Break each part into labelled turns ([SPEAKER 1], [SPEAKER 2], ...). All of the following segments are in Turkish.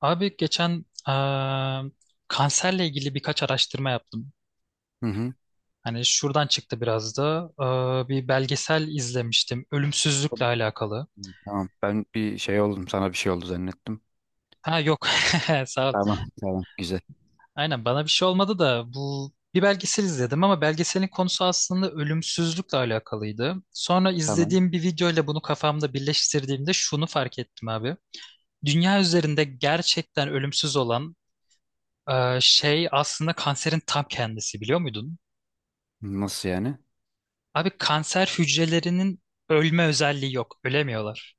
[SPEAKER 1] Abi geçen kanserle ilgili birkaç araştırma yaptım.
[SPEAKER 2] Hı hı.
[SPEAKER 1] Hani şuradan çıktı biraz da bir belgesel izlemiştim ölümsüzlükle alakalı.
[SPEAKER 2] Tamam. Ben bir şey oldum. Sana bir şey oldu zannettim.
[SPEAKER 1] Ha yok sağ ol.
[SPEAKER 2] Tamam. Tamam. Güzel.
[SPEAKER 1] Aynen bana bir şey olmadı da bu bir belgesel izledim ama belgeselin konusu aslında ölümsüzlükle alakalıydı. Sonra
[SPEAKER 2] Tamam.
[SPEAKER 1] izlediğim bir video ile bunu kafamda birleştirdiğimde şunu fark ettim abi. Dünya üzerinde gerçekten ölümsüz olan şey aslında kanserin tam kendisi, biliyor muydun?
[SPEAKER 2] Nasıl yani?
[SPEAKER 1] Abi kanser hücrelerinin ölme özelliği yok. Ölemiyorlar.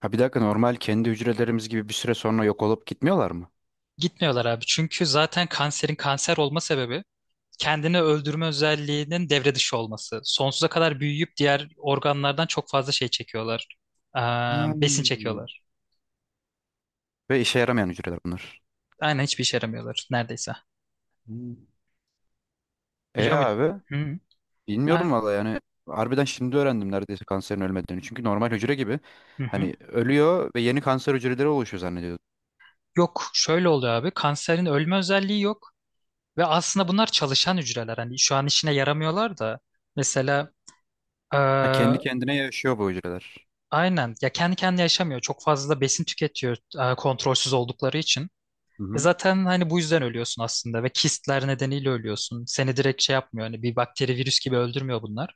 [SPEAKER 2] Ha, bir dakika, normal kendi hücrelerimiz gibi bir süre sonra yok olup gitmiyorlar mı?
[SPEAKER 1] Gitmiyorlar abi. Çünkü zaten kanserin kanser olma sebebi kendini öldürme özelliğinin devre dışı olması. Sonsuza kadar büyüyüp diğer organlardan çok fazla şey çekiyorlar. Ee, besin
[SPEAKER 2] Hmm.
[SPEAKER 1] çekiyorlar.
[SPEAKER 2] Ve işe yaramayan hücreler bunlar.
[SPEAKER 1] Aynen, hiçbir işe yaramıyorlar neredeyse.
[SPEAKER 2] Hmm. E
[SPEAKER 1] Biliyor muydun?
[SPEAKER 2] abi,
[SPEAKER 1] Hı.
[SPEAKER 2] bilmiyordum
[SPEAKER 1] Ha,
[SPEAKER 2] valla yani. Harbiden şimdi öğrendim neredeyse kanserin ölmediğini. Çünkü normal hücre gibi
[SPEAKER 1] hı hı.
[SPEAKER 2] hani ölüyor ve yeni kanser hücreleri oluşuyor zannediyordum.
[SPEAKER 1] Yok, şöyle oluyor abi. Kanserin ölme özelliği yok. Ve aslında bunlar çalışan hücreler. Hani şu an işine yaramıyorlar da. Mesela
[SPEAKER 2] Ha, kendi kendine yaşıyor bu hücreler.
[SPEAKER 1] aynen. Ya kendi kendine yaşamıyor. Çok fazla da besin tüketiyor kontrolsüz oldukları için.
[SPEAKER 2] Hı hı.
[SPEAKER 1] Zaten hani bu yüzden ölüyorsun aslında ve kistler nedeniyle ölüyorsun. Seni direkt şey yapmıyor. Hani bir bakteri, virüs gibi öldürmüyor bunlar.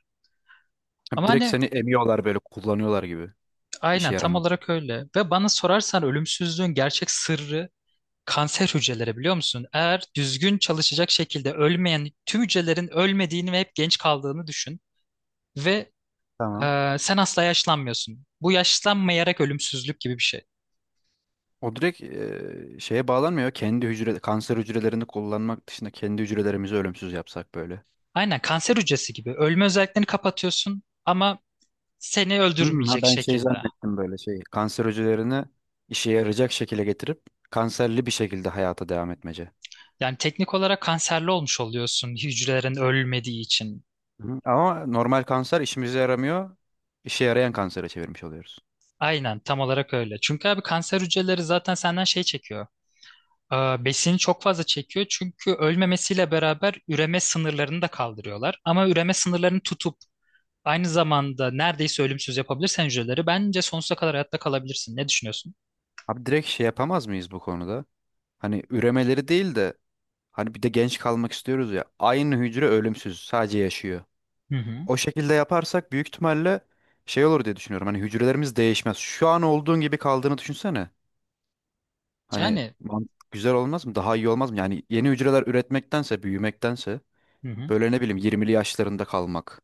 [SPEAKER 2] Ha,
[SPEAKER 1] Ama
[SPEAKER 2] direkt
[SPEAKER 1] hani
[SPEAKER 2] seni emiyorlar, böyle kullanıyorlar gibi.
[SPEAKER 1] aynen,
[SPEAKER 2] İşe
[SPEAKER 1] tam
[SPEAKER 2] yaramadı.
[SPEAKER 1] olarak öyle. Ve bana sorarsan ölümsüzlüğün gerçek sırrı kanser hücreleri, biliyor musun? Eğer düzgün çalışacak şekilde ölmeyen tüm hücrelerin ölmediğini ve hep genç kaldığını düşün. Ve
[SPEAKER 2] Tamam.
[SPEAKER 1] sen asla yaşlanmıyorsun. Bu, yaşlanmayarak ölümsüzlük gibi bir şey.
[SPEAKER 2] O direkt şeye bağlanmıyor. Kendi hücre kanser hücrelerini kullanmak dışında kendi hücrelerimizi ölümsüz yapsak böyle.
[SPEAKER 1] Aynen kanser hücresi gibi ölme özelliklerini kapatıyorsun ama seni
[SPEAKER 2] Hmm, ha,
[SPEAKER 1] öldürmeyecek
[SPEAKER 2] ben şey
[SPEAKER 1] şekilde.
[SPEAKER 2] zannettim, böyle şey. Kanser hücrelerini işe yarayacak şekilde getirip kanserli bir şekilde hayata devam etmece.
[SPEAKER 1] Yani teknik olarak kanserli olmuş oluyorsun, hücrelerin ölmediği için.
[SPEAKER 2] Hı. Ama normal kanser işimize yaramıyor. İşe yarayan kansere çevirmiş oluyoruz.
[SPEAKER 1] Aynen tam olarak öyle. Çünkü abi, kanser hücreleri zaten senden şey çekiyor. Besini çok fazla çekiyor çünkü ölmemesiyle beraber üreme sınırlarını da kaldırıyorlar. Ama üreme sınırlarını tutup aynı zamanda neredeyse ölümsüz yapabilirsen hücreleri, bence sonsuza kadar hayatta kalabilirsin. Ne düşünüyorsun?
[SPEAKER 2] Abi, direkt şey yapamaz mıyız bu konuda? Hani üremeleri değil de hani bir de genç kalmak istiyoruz ya. Aynı hücre ölümsüz, sadece yaşıyor.
[SPEAKER 1] Hı hı.
[SPEAKER 2] O şekilde yaparsak büyük ihtimalle şey olur diye düşünüyorum. Hani hücrelerimiz değişmez. Şu an olduğun gibi kaldığını düşünsene. Hani
[SPEAKER 1] Yani
[SPEAKER 2] güzel olmaz mı? Daha iyi olmaz mı? Yani yeni hücreler üretmektense, büyümektense,
[SPEAKER 1] hı hı.
[SPEAKER 2] böyle ne bileyim, 20'li yaşlarında kalmak.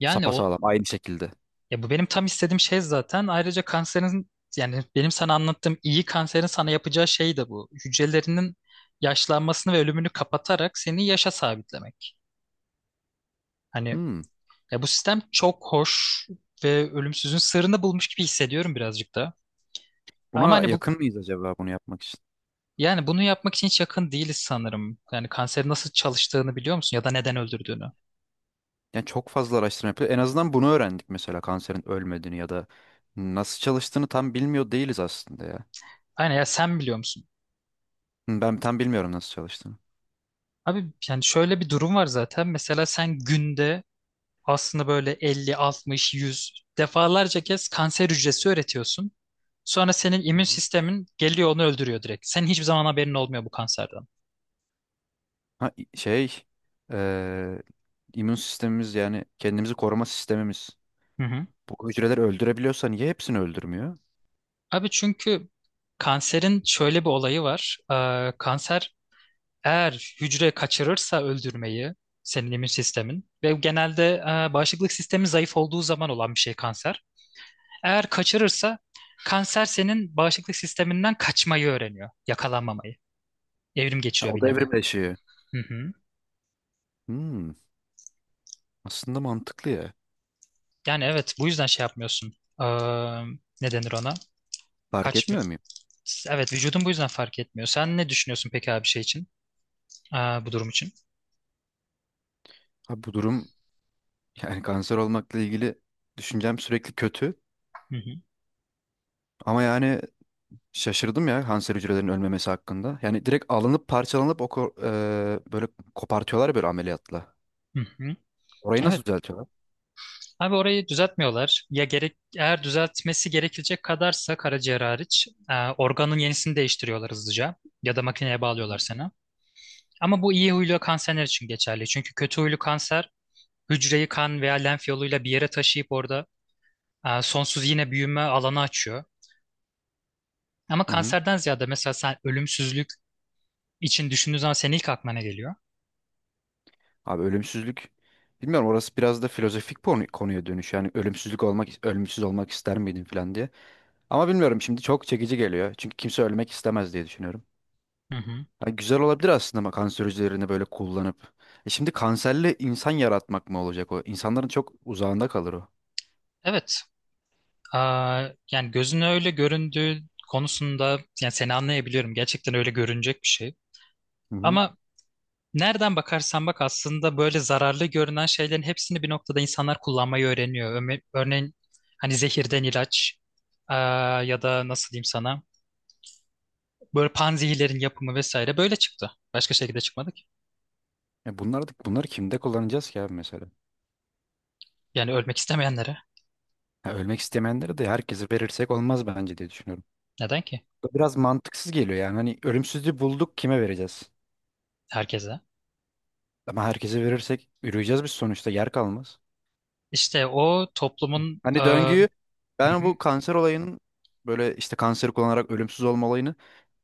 [SPEAKER 1] Yani o
[SPEAKER 2] Sapasağlam aynı şekilde.
[SPEAKER 1] Ya, bu benim tam istediğim şey zaten. Ayrıca kanserin, yani benim sana anlattığım iyi kanserin sana yapacağı şey de bu. Hücrelerinin yaşlanmasını ve ölümünü kapatarak seni yaşa sabitlemek. Hani
[SPEAKER 2] Hmm.
[SPEAKER 1] ya, bu sistem çok hoş ve ölümsüzün sırrını bulmuş gibi hissediyorum birazcık da. Ama
[SPEAKER 2] Buna
[SPEAKER 1] hani bu,
[SPEAKER 2] yakın mıyız acaba bunu yapmak için?
[SPEAKER 1] yani bunu yapmak için hiç yakın değiliz sanırım. Yani kanserin nasıl çalıştığını biliyor musun ya da neden öldürdüğünü?
[SPEAKER 2] Yani çok fazla araştırma yapıyor. En azından bunu öğrendik mesela, kanserin ölmediğini ya da nasıl çalıştığını tam bilmiyor değiliz aslında ya.
[SPEAKER 1] Aynen, ya sen biliyor musun?
[SPEAKER 2] Hmm, ben tam bilmiyorum nasıl çalıştığını.
[SPEAKER 1] Abi yani şöyle bir durum var zaten. Mesela sen günde aslında böyle 50, 60, 100 defalarca kez kanser hücresi üretiyorsun. Sonra senin immün sistemin geliyor, onu öldürüyor direkt. Senin hiçbir zaman haberin olmuyor bu kanserden.
[SPEAKER 2] Ha, i- şey eee immün sistemimiz, yani kendimizi koruma sistemimiz.
[SPEAKER 1] Hı hı.
[SPEAKER 2] Bu hücreleri öldürebiliyorsa niye hepsini öldürmüyor?
[SPEAKER 1] Abi çünkü kanserin şöyle bir olayı var. Kanser eğer hücre kaçırırsa öldürmeyi, senin immün sistemin ve genelde bağışıklık sistemi zayıf olduğu zaman olan bir şey kanser. Eğer kaçırırsa kanser senin bağışıklık sisteminden kaçmayı öğreniyor, yakalanmamayı. Evrim
[SPEAKER 2] Ha,
[SPEAKER 1] geçiriyor
[SPEAKER 2] o
[SPEAKER 1] bir
[SPEAKER 2] da
[SPEAKER 1] nevi.
[SPEAKER 2] evrimleşiyor.
[SPEAKER 1] Hı hı.
[SPEAKER 2] Hmm, aslında mantıklı ya.
[SPEAKER 1] Yani evet, bu yüzden şey yapmıyorsun. Ee, ne denir ona?
[SPEAKER 2] Fark
[SPEAKER 1] Kaç
[SPEAKER 2] etmiyor
[SPEAKER 1] bir-
[SPEAKER 2] muyum?
[SPEAKER 1] Evet, vücudun bu yüzden fark etmiyor. Sen ne düşünüyorsun peki abi şey için? Aa, bu durum için.
[SPEAKER 2] Ha, bu durum, yani kanser olmakla ilgili düşüncem sürekli kötü.
[SPEAKER 1] Hı hı.
[SPEAKER 2] Ama yani şaşırdım ya kanser hücrelerinin ölmemesi hakkında. Yani direkt alınıp parçalanıp böyle kopartıyorlar ya böyle ameliyatla.
[SPEAKER 1] Hı hı.
[SPEAKER 2] Orayı
[SPEAKER 1] Evet.
[SPEAKER 2] nasıl düzeltiyorlar?
[SPEAKER 1] Abi orayı düzeltmiyorlar. Ya gerek, eğer düzeltmesi gerekecek kadarsa karaciğer hariç organın yenisini değiştiriyorlar hızlıca ya da makineye
[SPEAKER 2] Hı
[SPEAKER 1] bağlıyorlar
[SPEAKER 2] hı.
[SPEAKER 1] sana. Ama bu iyi huylu kanserler için geçerli. Çünkü kötü huylu kanser hücreyi kan veya lenf yoluyla bir yere taşıyıp orada sonsuz yine büyüme alanı açıyor. Ama
[SPEAKER 2] Hı hı.
[SPEAKER 1] kanserden ziyade mesela sen ölümsüzlük için düşündüğün zaman senin ilk aklına ne geliyor?
[SPEAKER 2] Abi, ölümsüzlük, bilmiyorum, orası biraz da filozofik konu, konuya dönüş. Yani ölümsüz olmak ister miydin falan diye. Ama bilmiyorum, şimdi çok çekici geliyor. Çünkü kimse ölmek istemez diye düşünüyorum.
[SPEAKER 1] Hı hı.
[SPEAKER 2] Ha, güzel olabilir aslında ama kanser hücrelerini böyle kullanıp. E şimdi kanserli insan yaratmak mı olacak o? İnsanların çok uzağında kalır o.
[SPEAKER 1] Evet. Aa, yani gözüne öyle göründüğü konusunda, yani seni anlayabiliyorum. Gerçekten öyle görünecek bir şey.
[SPEAKER 2] Hı hı.
[SPEAKER 1] Ama nereden bakarsan bak, aslında böyle zararlı görünen şeylerin hepsini bir noktada insanlar kullanmayı öğreniyor. Örneğin hani zehirden ilaç, eee, ya da nasıl diyeyim sana, böyle panzehirlerin yapımı vesaire böyle çıktı. Başka şekilde çıkmadı ki.
[SPEAKER 2] Bunları kimde kullanacağız ki abi mesela?
[SPEAKER 1] Yani ölmek istemeyenlere.
[SPEAKER 2] Ha, ölmek istemeyenlere de, herkese verirsek olmaz bence diye düşünüyorum.
[SPEAKER 1] Neden ki?
[SPEAKER 2] Biraz mantıksız geliyor yani. Hani ölümsüzlüğü bulduk, kime vereceğiz?
[SPEAKER 1] Herkese.
[SPEAKER 2] Ama herkese verirsek yürüyeceğiz, biz sonuçta yer kalmaz.
[SPEAKER 1] İşte o toplumun
[SPEAKER 2] Hani döngüyü,
[SPEAKER 1] hı
[SPEAKER 2] ben
[SPEAKER 1] hı,
[SPEAKER 2] bu kanser olayının, böyle işte kanseri kullanarak ölümsüz olma olayını,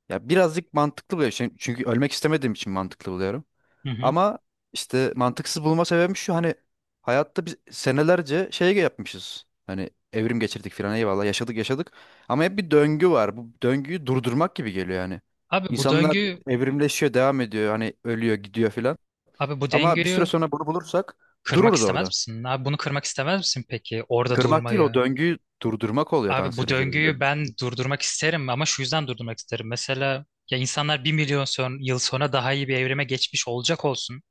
[SPEAKER 2] ya birazcık mantıklı buluyorum. Çünkü ölmek istemediğim için mantıklı buluyorum.
[SPEAKER 1] hı hı.
[SPEAKER 2] Ama işte mantıksız bulma sebebim şu, hani hayatta biz senelerce şey yapmışız. Hani evrim geçirdik filan, eyvallah, yaşadık yaşadık. Ama hep bir döngü var. Bu döngüyü durdurmak gibi geliyor yani.
[SPEAKER 1] Abi bu
[SPEAKER 2] İnsanlar
[SPEAKER 1] döngü
[SPEAKER 2] evrimleşiyor, devam ediyor. Hani ölüyor, gidiyor filan.
[SPEAKER 1] Abi bu
[SPEAKER 2] Ama bir süre
[SPEAKER 1] döngüyü
[SPEAKER 2] sonra bunu bulursak
[SPEAKER 1] kırmak
[SPEAKER 2] dururuz
[SPEAKER 1] istemez
[SPEAKER 2] orada.
[SPEAKER 1] misin? Abi bunu kırmak istemez misin peki? Orada
[SPEAKER 2] Kırmak değil, o
[SPEAKER 1] durmayı.
[SPEAKER 2] döngüyü durdurmak oluyor
[SPEAKER 1] Abi bu
[SPEAKER 2] kanser hücrelerinin
[SPEAKER 1] döngüyü ben
[SPEAKER 2] ölümsüzlük.
[SPEAKER 1] durdurmak isterim ama şu yüzden durdurmak isterim. Mesela ya, insanlar 1 milyon yıl sonra daha iyi bir evrime geçmiş olacak olsun.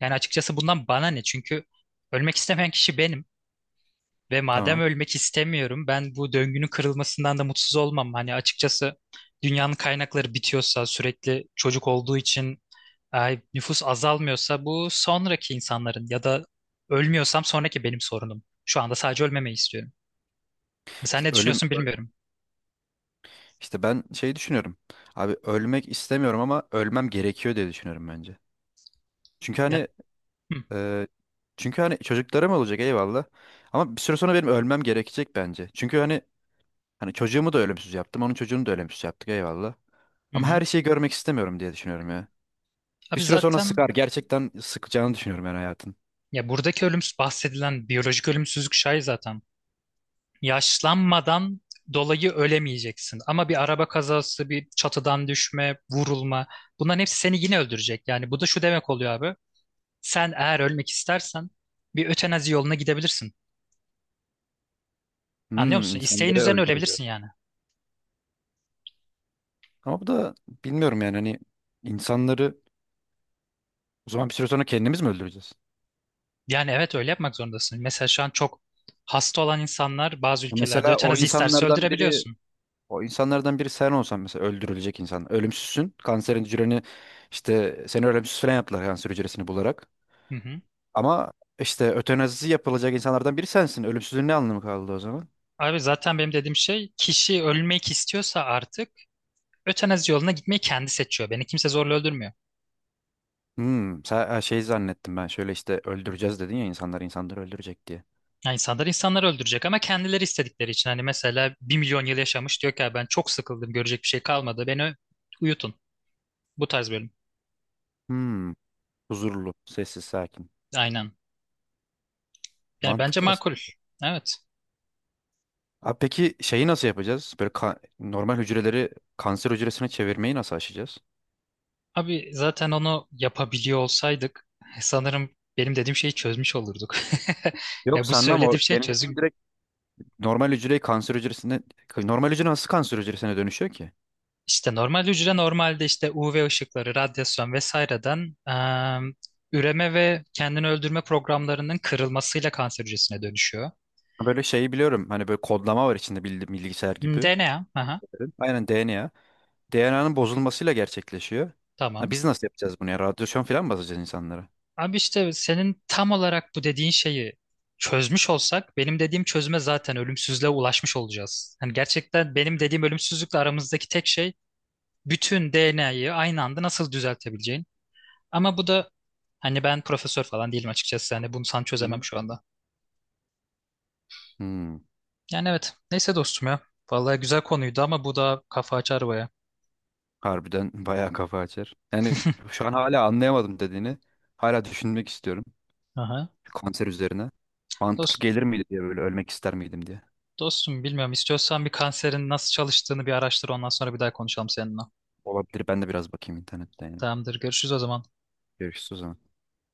[SPEAKER 1] Yani açıkçası bundan bana ne? Çünkü ölmek istemeyen kişi benim. Ve madem
[SPEAKER 2] Tamam.
[SPEAKER 1] ölmek istemiyorum, ben bu döngünün kırılmasından da mutsuz olmam. Hani açıkçası dünyanın kaynakları bitiyorsa sürekli çocuk olduğu için, ay, nüfus azalmıyorsa bu sonraki insanların, ya da ölmüyorsam sonraki benim sorunum. Şu anda sadece ölmemeyi istiyorum. Sen
[SPEAKER 2] İşte
[SPEAKER 1] ne
[SPEAKER 2] ölüm
[SPEAKER 1] düşünüyorsun bilmiyorum.
[SPEAKER 2] işte ben şey düşünüyorum. Abi, ölmek istemiyorum ama ölmem gerekiyor diye düşünüyorum bence. Çünkü
[SPEAKER 1] Ya.
[SPEAKER 2] hani e, çünkü hani çocuklarım olacak, eyvallah. Ama bir süre sonra benim ölmem gerekecek bence. Çünkü hani çocuğumu da ölümsüz yaptım, onun çocuğunu da ölümsüz yaptık, eyvallah.
[SPEAKER 1] Hı
[SPEAKER 2] Ama
[SPEAKER 1] hı.
[SPEAKER 2] her şeyi görmek istemiyorum diye düşünüyorum ya. Bir
[SPEAKER 1] Abi
[SPEAKER 2] süre sonra
[SPEAKER 1] zaten
[SPEAKER 2] sıkar. Gerçekten sıkacağını düşünüyorum ben hayatın.
[SPEAKER 1] ya, buradaki ölümsüz bahsedilen biyolojik ölümsüzlük şey zaten. Yaşlanmadan dolayı ölemeyeceksin. Ama bir araba kazası, bir çatıdan düşme, vurulma, bunların hepsi seni yine öldürecek. Yani bu da şu demek oluyor abi. Sen eğer ölmek istersen bir ötenazi yoluna gidebilirsin. Anlıyor
[SPEAKER 2] Hmm,
[SPEAKER 1] musun? İsteğin
[SPEAKER 2] insanları
[SPEAKER 1] üzerine
[SPEAKER 2] öldüreceğiz.
[SPEAKER 1] ölebilirsin yani.
[SPEAKER 2] Ama bu da bilmiyorum yani, hani insanları, o zaman bir süre sonra kendimiz mi öldüreceğiz?
[SPEAKER 1] Yani evet, öyle yapmak zorundasın. Mesela şu an çok hasta olan insanlar bazı ülkelerde
[SPEAKER 2] Mesela
[SPEAKER 1] ötenazi isterse öldürebiliyorsun.
[SPEAKER 2] o insanlardan biri sen olsan mesela, öldürülecek insan. Ölümsüzsün. Kanserin hücreni, işte seni ölümsüz falan yaptılar kanser hücresini bularak.
[SPEAKER 1] Hı hı.
[SPEAKER 2] Ama işte ötenazisi yapılacak insanlardan biri sensin. Ölümsüzlüğün ne anlamı kaldı o zaman?
[SPEAKER 1] Abi zaten benim dediğim şey, kişi ölmek istiyorsa artık ötenazi yoluna gitmeyi kendi seçiyor. Beni kimse zorla öldürmüyor.
[SPEAKER 2] Hmm, sen, ha, şey zannettim ben. Şöyle işte öldüreceğiz dedin ya, insanlar insanları öldürecek diye.
[SPEAKER 1] Yani insanlar insanları öldürecek ama kendileri istedikleri için. Hani mesela 1 milyon yıl yaşamış diyor ki "Ya ben çok sıkıldım, görecek bir şey kalmadı. Uyutun. Bu tarz bölüm.
[SPEAKER 2] Hmm, huzurlu, sessiz, sakin.
[SPEAKER 1] Aynen. Yani bence
[SPEAKER 2] Mantıklı
[SPEAKER 1] makul.
[SPEAKER 2] aslında.
[SPEAKER 1] Evet.
[SPEAKER 2] Abi peki şeyi nasıl yapacağız? Normal hücreleri kanser hücresine çevirmeyi nasıl aşacağız?
[SPEAKER 1] Abi zaten onu yapabiliyor olsaydık sanırım benim dediğim şeyi çözmüş olurduk.
[SPEAKER 2] Yok,
[SPEAKER 1] Ya bu
[SPEAKER 2] sanmam o.
[SPEAKER 1] söylediğim şey
[SPEAKER 2] Benim dediğim
[SPEAKER 1] çözüm.
[SPEAKER 2] direkt normal hücreyi kanser hücresine normal hücre nasıl kanser hücresine dönüşüyor ki?
[SPEAKER 1] İşte normal hücre normalde işte UV ışıkları, radyasyon vesaireden üreme ve kendini öldürme programlarının kırılmasıyla kanser hücresine dönüşüyor.
[SPEAKER 2] Böyle şeyi biliyorum. Hani böyle kodlama var içinde, bilgisayar
[SPEAKER 1] Hmm,
[SPEAKER 2] gibi.
[SPEAKER 1] DNA, aha,
[SPEAKER 2] Evet. Aynen DNA. DNA'nın bozulmasıyla gerçekleşiyor. Ha,
[SPEAKER 1] tamam.
[SPEAKER 2] biz nasıl yapacağız bunu ya? Radyasyon falan mı basacağız insanlara?
[SPEAKER 1] Abi işte senin tam olarak bu dediğin şeyi çözmüş olsak benim dediğim çözüme, zaten ölümsüzlüğe ulaşmış olacağız. Hani gerçekten benim dediğim ölümsüzlükle aramızdaki tek şey bütün DNA'yı aynı anda nasıl düzeltebileceğin. Ama bu da, hani ben profesör falan değilim açıkçası. Hani bunu sana
[SPEAKER 2] Hı
[SPEAKER 1] çözemem
[SPEAKER 2] hı.
[SPEAKER 1] şu anda.
[SPEAKER 2] Hmm,
[SPEAKER 1] Yani evet. Neyse dostum ya. Vallahi güzel konuydu ama bu da kafa açar baya.
[SPEAKER 2] harbiden bayağı kafa açar. Yani şu an hala anlayamadım dediğini. Hala düşünmek istiyorum.
[SPEAKER 1] Aha.
[SPEAKER 2] Kanser üzerine. Mantıklı
[SPEAKER 1] Dost,
[SPEAKER 2] gelir miydi diye, böyle ölmek ister miydim diye.
[SPEAKER 1] dostum bilmiyorum. İstiyorsan bir kanserin nasıl çalıştığını bir araştır. Ondan sonra bir daha konuşalım seninle.
[SPEAKER 2] Olabilir, ben de biraz bakayım internetten yani.
[SPEAKER 1] Tamamdır. Görüşürüz o zaman.
[SPEAKER 2] Görüşürüz o zaman.